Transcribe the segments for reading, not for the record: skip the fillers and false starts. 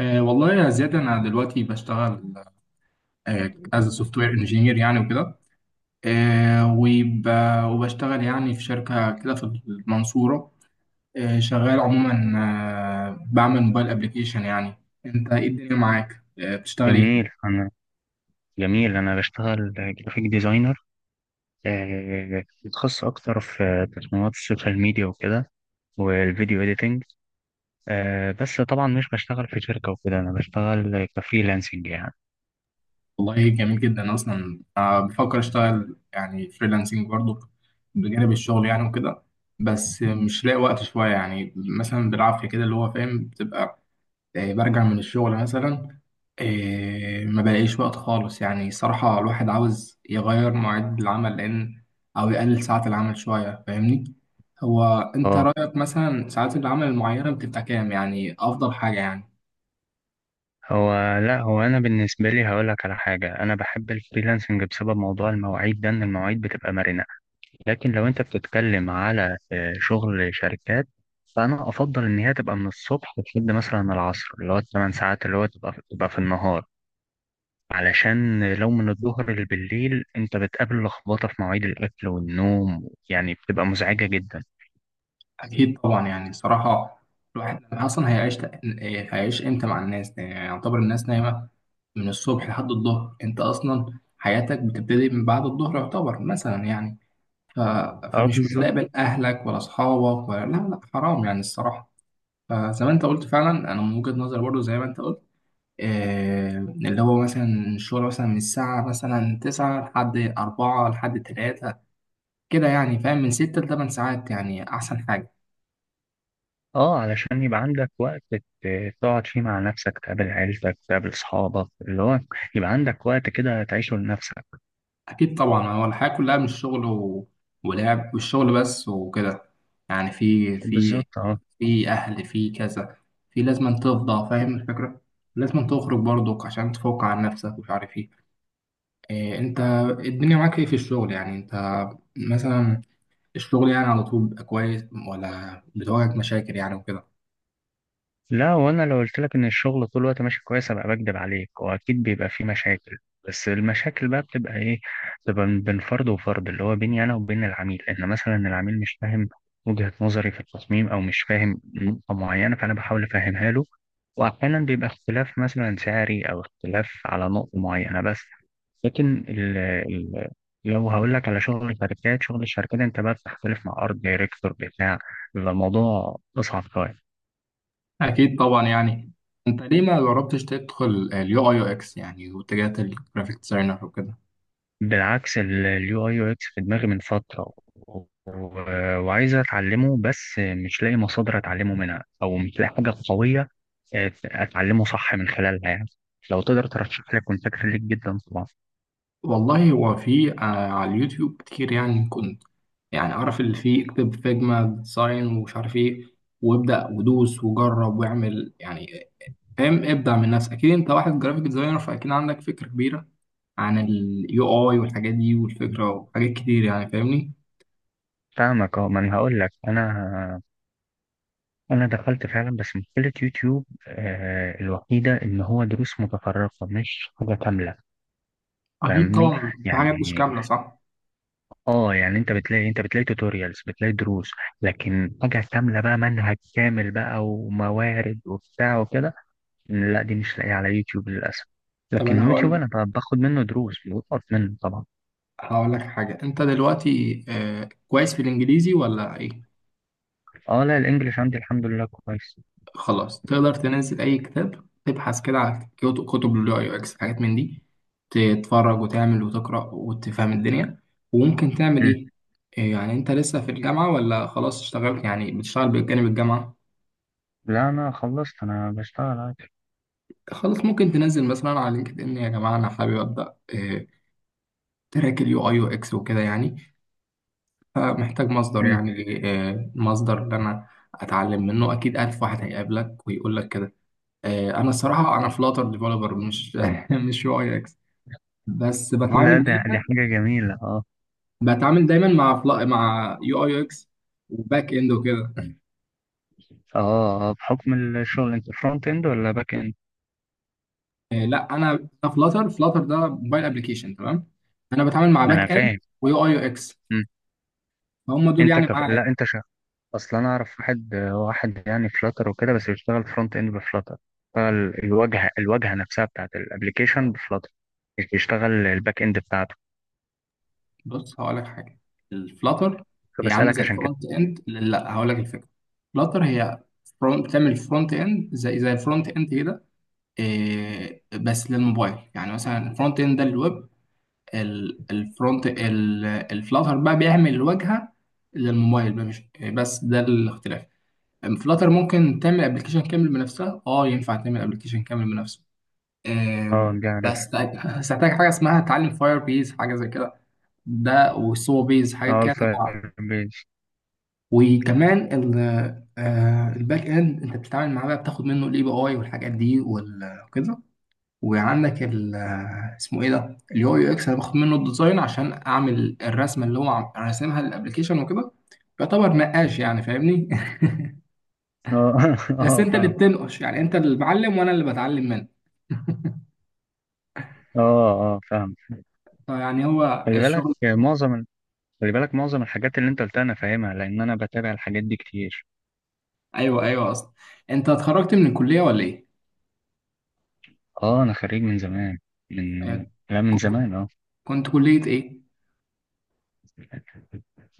والله يا زياد، أنا دلوقتي بشتغل از سوفت وير انجينير يعني وكده. أه وب- وبشتغل يعني في شركة كده في المنصورة. شغال عموما، بعمل موبايل ابلكيشن يعني. أنت إيه الدنيا معاك؟ أه، بتشتغل إيه؟ جميل أنا جميل. أنا بشتغل جرافيك ديزاينر، متخصص أكتر في تصميمات السوشيال ميديا وكده، والفيديو إيديتنج. بس طبعا مش بشتغل في شركة وكده، أنا بشتغل كفريلانسنج يعني. والله جميل جدا. أصلا بفكر أشتغل يعني فريلانسنج برضه بجانب الشغل يعني وكده، بس مش لاقي وقت شوية يعني. مثلا بالعافية كده اللي هو فاهم، بتبقى برجع من الشغل مثلا. ما بلاقيش وقت خالص يعني. صراحة الواحد عاوز يغير مواعيد العمل، لأن، أو يقلل ساعات العمل شوية، فاهمني. هو أنت اه، رأيك مثلا ساعات العمل المعينة بتبقى كام يعني، أفضل حاجة يعني؟ هو لا هو أنا بالنسبة لي هقولك على حاجة، أنا بحب الفريلانسنج بسبب موضوع المواعيد ده، إن المواعيد بتبقى مرنة. لكن لو أنت بتتكلم على شغل شركات، فأنا أفضل إن هي تبقى من الصبح لحد مثلا العصر، اللي هو 8 ساعات، اللي هو تبقى في النهار. علشان لو من الظهر للبالليل انت بتقابل لخبطة في مواعيد الأكل والنوم، يعني بتبقى مزعجة جدا. أكيد طبعا يعني. صراحة الواحد أصلا هيعيش إمتى مع الناس؟ يعني يعتبر الناس نايمة من الصبح لحد الظهر، أنت أصلا حياتك بتبتدي من بعد الظهر يعتبر مثلا يعني. ف... اه، فمش بالظبط. بتقابل اهلك ولا اصحابك، ولا لا لا، حرام يعني الصراحه. فزي ما انت قلت فعلا، انا من وجهه نظري برضو زي ما انت قلت، اللي هو مثلا الشغل مثلا من الساعه مثلا 9 لحد 4 لحد 3 كده يعني، فاهم؟ من 6 ل 8 ساعات يعني احسن حاجه. اه، علشان يبقى عندك وقت تقعد فيه مع نفسك، تقابل عيلتك، تقابل أصحابك، اللي هو يبقى عندك وقت كده تعيشه لنفسك. اكيد طبعا. هو الحياه كلها مش شغل ولعب والشغل بس وكده يعني. بالظبط، اه. في اهل، في كذا، في لازم تفضى، فاهم الفكره؟ لازم تخرج برضك عشان تفوق عن نفسك ومش عارف ايه. إيه، انت الدنيا معاك ايه في الشغل يعني؟ انت مثلا الشغل يعني على طول بيبقى كويس، ولا بتواجهك مشاكل يعني وكده؟ لا، وانا لو قلت لك ان الشغل طول الوقت ماشي كويس ابقى بكدب عليك، واكيد بيبقى فيه مشاكل. بس المشاكل بقى بتبقى ايه؟ بتبقى بين فرد وفرد، اللي هو بيني انا وبين العميل، ان مثلا العميل مش فاهم وجهة نظري في التصميم، او مش فاهم نقطة معينة فانا بحاول افهمها له. واحيانا بيبقى اختلاف مثلا سعري، او اختلاف على نقطة معينة بس. لكن ال ال لو هقول لك على شغل الشركات، شغل الشركات انت بقى بتختلف مع ارت دايركتور بتاع، بيبقى الموضوع اصعب شوية. اكيد طبعا يعني. انت ليه ما جربتش تدخل اليو اي يو اكس يعني، واتجهت للجرافيك ديزاينر وكده؟ بالعكس، اليو اي يو اكس في دماغي من فترة وعايز اتعلمه، بس مش لاقي مصادر اتعلمه منها، او مش لاقي حاجة قوية اتعلمه صح من خلالها يعني. لو تقدر ترشح لي كنت فاكر ليك جدا طبعا. والله، هو في على اليوتيوب كتير يعني. كنت يعني اعرف اللي فيه، اكتب فيجما ديزاين ومش عارف ايه، وابدا ودوس وجرب واعمل يعني، فاهم؟ ابدع من نفسك. اكيد انت واحد جرافيك ديزاينر، فاكيد عندك فكرة كبيرة عن اليو اي والحاجات دي والفكره، وحاجات كتير يعني فاهمني. فاهمك، اه، ما انا هقول لك، انا دخلت فعلا، بس مشكله يوتيوب الوحيده ان هو دروس متفرقه مش حاجه كامله. اكيد فاهمني، طبعا، في يعني حاجات مش كامله، صح. اه، يعني انت بتلاقي توتوريالز، بتلاقي دروس، لكن حاجة كاملة بقى، منهج كامل بقى وموارد وبتاع وكده، لا دي مش لاقيها على يوتيوب للأسف. طب لكن انا يوتيوب هقول انا باخد منه دروس، بقف منه طبعا. هقول لك حاجه. انت دلوقتي كويس في الانجليزي ولا ايه؟ اه، لا، الانجليش عندي الحمد لله كويس. خلاص، تقدر تنزل اي كتاب، تبحث كده على كتب اليو اي اكس، حاجات من دي، تتفرج وتعمل وتقرا وتفهم الدنيا، وممكن تعمل مم. ايه. يعني انت لسه في الجامعه، ولا خلاص اشتغلت يعني بتشتغل بجانب الجامعه؟ لا، انا خلصت، انا بشتغل عادي. خلاص، ممكن تنزل مثلا على لينكد ان: يا جماعه انا حابب ابدا آه، تراك اليو اي يو اكس وكده يعني، فمحتاج مصدر مم. يعني. المصدر اللي انا اتعلم منه، اكيد الف واحد هيقابلك ويقول لك كده. انا الصراحه انا فلاتر ديفلوبر، مش مش يو اي اكس، بس لا، دي حاجة جميلة، اه. بتعامل دايما مع مع يو اي يو اكس وباك اند وكده. اه، بحكم الشغل انت فرونت اند ولا باك اند؟ لا، انا فلاتر ده موبايل ابلكيشن، تمام؟ انا بتعامل مع ما انا باك اند فاهم. ويو اي يو اكس، مم. فهم دول يعني لا، معايا. انت شغال. اصل انا اعرف واحد، يعني فلاتر وكده، بس بيشتغل فرونت اند بفلاتر، بيشتغل الواجهه نفسها بتاعت الابلكيشن بفلاتر، مش بيشتغل الباك اند بتاعته. بص هقول لك حاجه. الفلاتر هي عامله فبسألك زي عشان كده. الفرونت اند. لا، هقول لك الفكره. الفلاتر هي فرونت، بتعمل فرونت اند زي الفرونت اند كده، إيه، بس للموبايل يعني. مثلا الفرونت اند ده للويب، الفلاتر بقى بيعمل الواجهه للموبايل بقى، مش بس ده الاختلاف. الفلاتر ممكن تعمل ابلكيشن كامل بنفسها، اه ينفع تعمل ابلكيشن كامل بنفسه، إيه، اه، دي عارف. بس هتحتاج حاجه اسمها تعلم فاير بيز، حاجه زي كده، ده والسو بيز، حاجات اه، كده تبع. الفاير بيز. وكمان ال آه، الباك اند انت بتتعامل معاه بقى، بتاخد منه الاي بي اي والحاجات دي وكده. وعندك ال آه، اسمه ايه ده، اليو يو اكس، انا باخد منه الديزاين عشان اعمل الرسمه اللي هو راسمها للابلكيشن وكده. يعتبر نقاش يعني فاهمني اه، بس اه، انت اللي فاهم. بتنقش يعني، انت اللي بعلم وانا اللي بتعلم منك. اه، اه، فاهم. فيعني هو خلي بالك الشغل. معظم ال- خلي بالك معظم الحاجات اللي انت قلتها انا فاهمها، لان انا بتابع الحاجات دي كتير. ايوه، ايوه، اصلا. انت اتخرجت من الكليه ولا ايه؟ اه، انا خريج من زمان، من آه، لا من كنت زمان، اه. كنت كليه ايه؟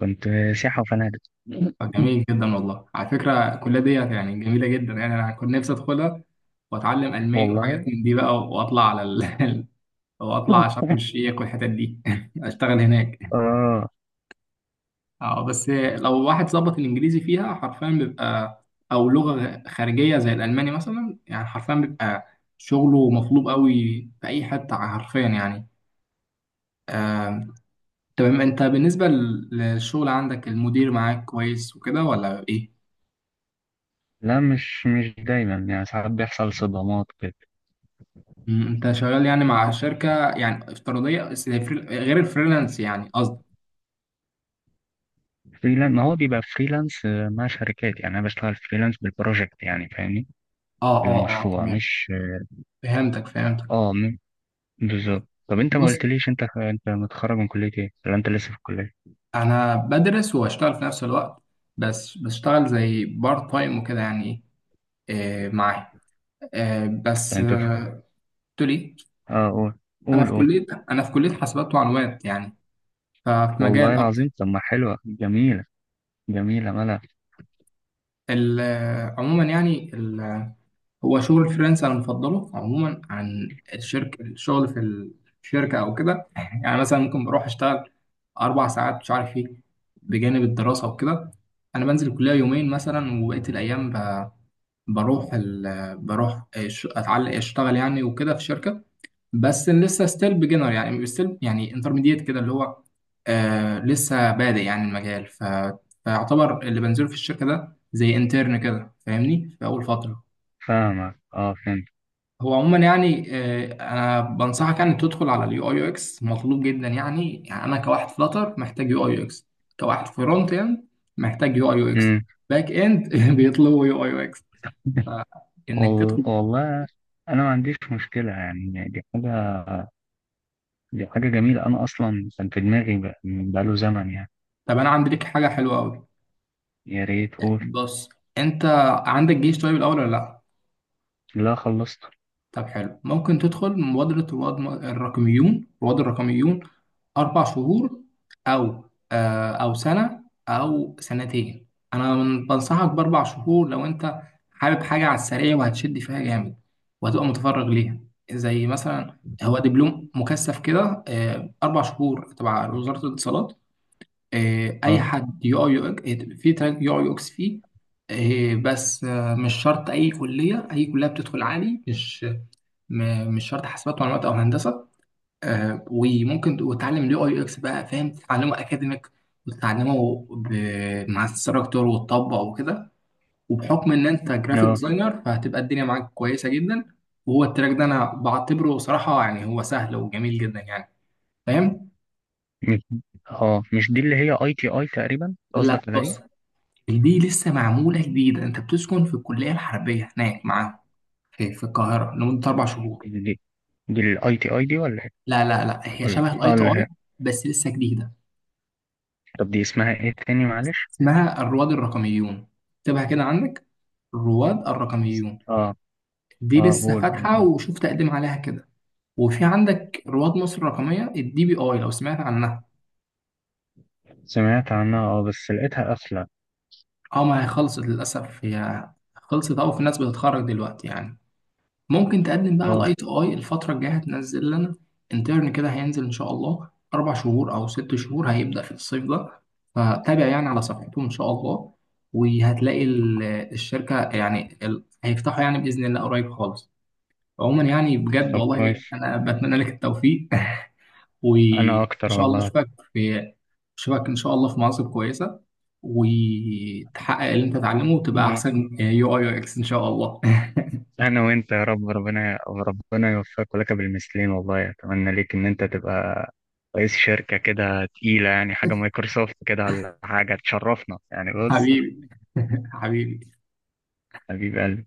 كنت سياحه وفنادق. جميل جدا والله. على فكرة الكلية دي يعني جميلة جدا يعني. أنا كنت نفسي أدخلها وأتعلم ألماني والله. وحاجات من دي بقى، وأطلع على وأطلع على شرم الشيخ والحتت دي أشتغل هناك. اه، بس لو واحد ظبط الإنجليزي فيها، حرفيا بيبقى، أو لغة خارجية زي الألماني مثلا يعني، حرفيا بيبقى شغله مطلوب قوي في أي حتة حرفيا يعني. آه، تمام. أنت بالنسبة للشغل عندك المدير معاك كويس وكده ولا إيه؟ لا مش دايما، يعني ساعات بيحصل صدمات كده. انت شغال يعني مع شركه يعني افتراضيه، بس هي غير الفريلانس يعني قصدي. فريلانس، ما هو بيبقى فريلانس مع شركات، يعني انا بشتغل فريلانس بالبروجكت، يعني فاهمني. اه، اه، اه، بالمشروع، تمام. مش. فهمتك فهمتك. اه، بالظبط. طب انت ما بص، قلتليش، انت متخرج من كلية ايه، ولا انت لسه في الكلية؟ انا بدرس واشتغل في نفس الوقت، بس بشتغل زي بارت تايم وكده يعني. معاه. آه بس ولا انت في. آه قلت لي: اه، قول انا قول في قول. كليه انا في كليه حاسبات ومعلومات يعني، ففي والله مجال اكتر. العظيم، طب ما حلوة جميلة، جميلة ملا. عموما يعني، هو شغل فريلانس انا مفضله عموما عن الشركه، الشغل في الشركه او كده يعني. مثلا ممكن بروح اشتغل 4 ساعات مش عارف ايه بجانب الدراسه وكده. انا بنزل الكليه يومين مثلا، وبقيه الايام بروح بروح اتعلق اشتغل يعني وكده في الشركه، بس لسه ستيل بيجنر يعني، ستيل يعني انترميديت كده اللي هو، لسه بادئ يعني المجال. فيعتبر اللي بنزله في الشركه ده زي انترن كده فاهمني، في اول فتره. فاهمك، اه، فهمت. هو عموما يعني، انا بنصحك يعني تدخل على اليو اي يو اكس، مطلوب جدا يعني. يعني انا كواحد فلاتر محتاج يو اي يو اكس، كواحد فرونت اند محتاج يو اي يو اكس، امم باك اند بيطلبوا يو اي يو اكس انك تدخل. والله. انا ما عنديش مشكلة، يعني دي حاجة جميلة، أنا أصلا كان في دماغي بقاله زمن يعني. طب انا عندي لك حاجه حلوه قوي. يا ريت، قول. بص، انت عندك جيش طيب الاول ولا لا؟ لا، خلصت. طب حلو. ممكن تدخل مبادرة رواد الرقميون. 4 شهور، أو أو سنة، أو سنتين. أنا بنصحك بـ 4 شهور لو أنت حابب حاجة على السريع وهتشد فيها جامد وهتبقى متفرغ ليها. زي مثلا هو دبلوم مكثف كده، 4 شهور تبع وزارة الاتصالات. أي اه، حد يو أي يو إكس، في تراك يو أي يو إكس فيه، آه، بس آه، مش شرط أي كلية، أي كلية بتدخل عادي، مش مش شرط حاسبات معلومات او هندسه. وممكن وتتعلم اليو اي يو اكس بقى، فاهم؟ تتعلمه اكاديميك، وتتعلمه مع الستراكتور، وتطبق وكده. وبحكم ان انت جرافيك اه، ديزاينر، فهتبقى الدنيا معاك كويسه جدا. وهو التراك ده انا بعتبره صراحه يعني هو سهل وجميل جدا يعني، فاهم؟ مش اه مش دي اللي هي اي تي اي تقريبا، لا قصدك على دي؟ بص، دي لسه معموله جديده. انت بتسكن في الكليه الحربيه هناك معاهم في القاهره لمده 4 شهور. دي دي الاي تي اي دي ولا إيه؟ لا، لا، لا، هي ولا، شبه الاي اه، تي اللي اي، هي. بس لسه جديده. طب دي اسمها ايه تاني، معلش؟ اسمها الرواد الرقميون، اكتبها كده عندك، الرواد الرقميون. اه، دي اه، لسه قول قول، فاتحة، اه. وشوف تقدم عليها كده. وفي عندك رواد مصر الرقمية، الدي بي اي، لو سمعت عنها. سمعت عنها، اه، بس لقيتها قافلة. اه، ما هي خلصت للأسف، هي خلصت أو في ناس بتتخرج دلوقتي يعني. ممكن تقدم بقى على اه، الاي تي اي، الفترة الجاية هتنزل لنا انترن كده، هينزل إن شاء الله 4 شهور أو 6 شهور، هيبدأ في الصيف ده، فتابع يعني على صفحتهم إن شاء الله. وهتلاقي الشركة يعني، هيفتحوا يعني بإذن الله قريب خالص. عموما يعني بجد، طب كويس. والله انا بتمنى لك التوفيق وان انا اكتر شاء الله والله. اشوفك ان شاء الله في مناصب كويسه، وتحقق اللي انت تتعلمه وتبقى احسن يو اي يو اكس ان شاء الله. انا وانت يا رب، ربنا ربنا يوفقك ولك بالمثلين، والله اتمنى ليك ان انت تبقى رئيس شركة كده تقيلة يعني، حاجة مايكروسوفت كده ولا حاجة تشرفنا يعني، بص. حبيبي، حبيبي. حبيب قلبي.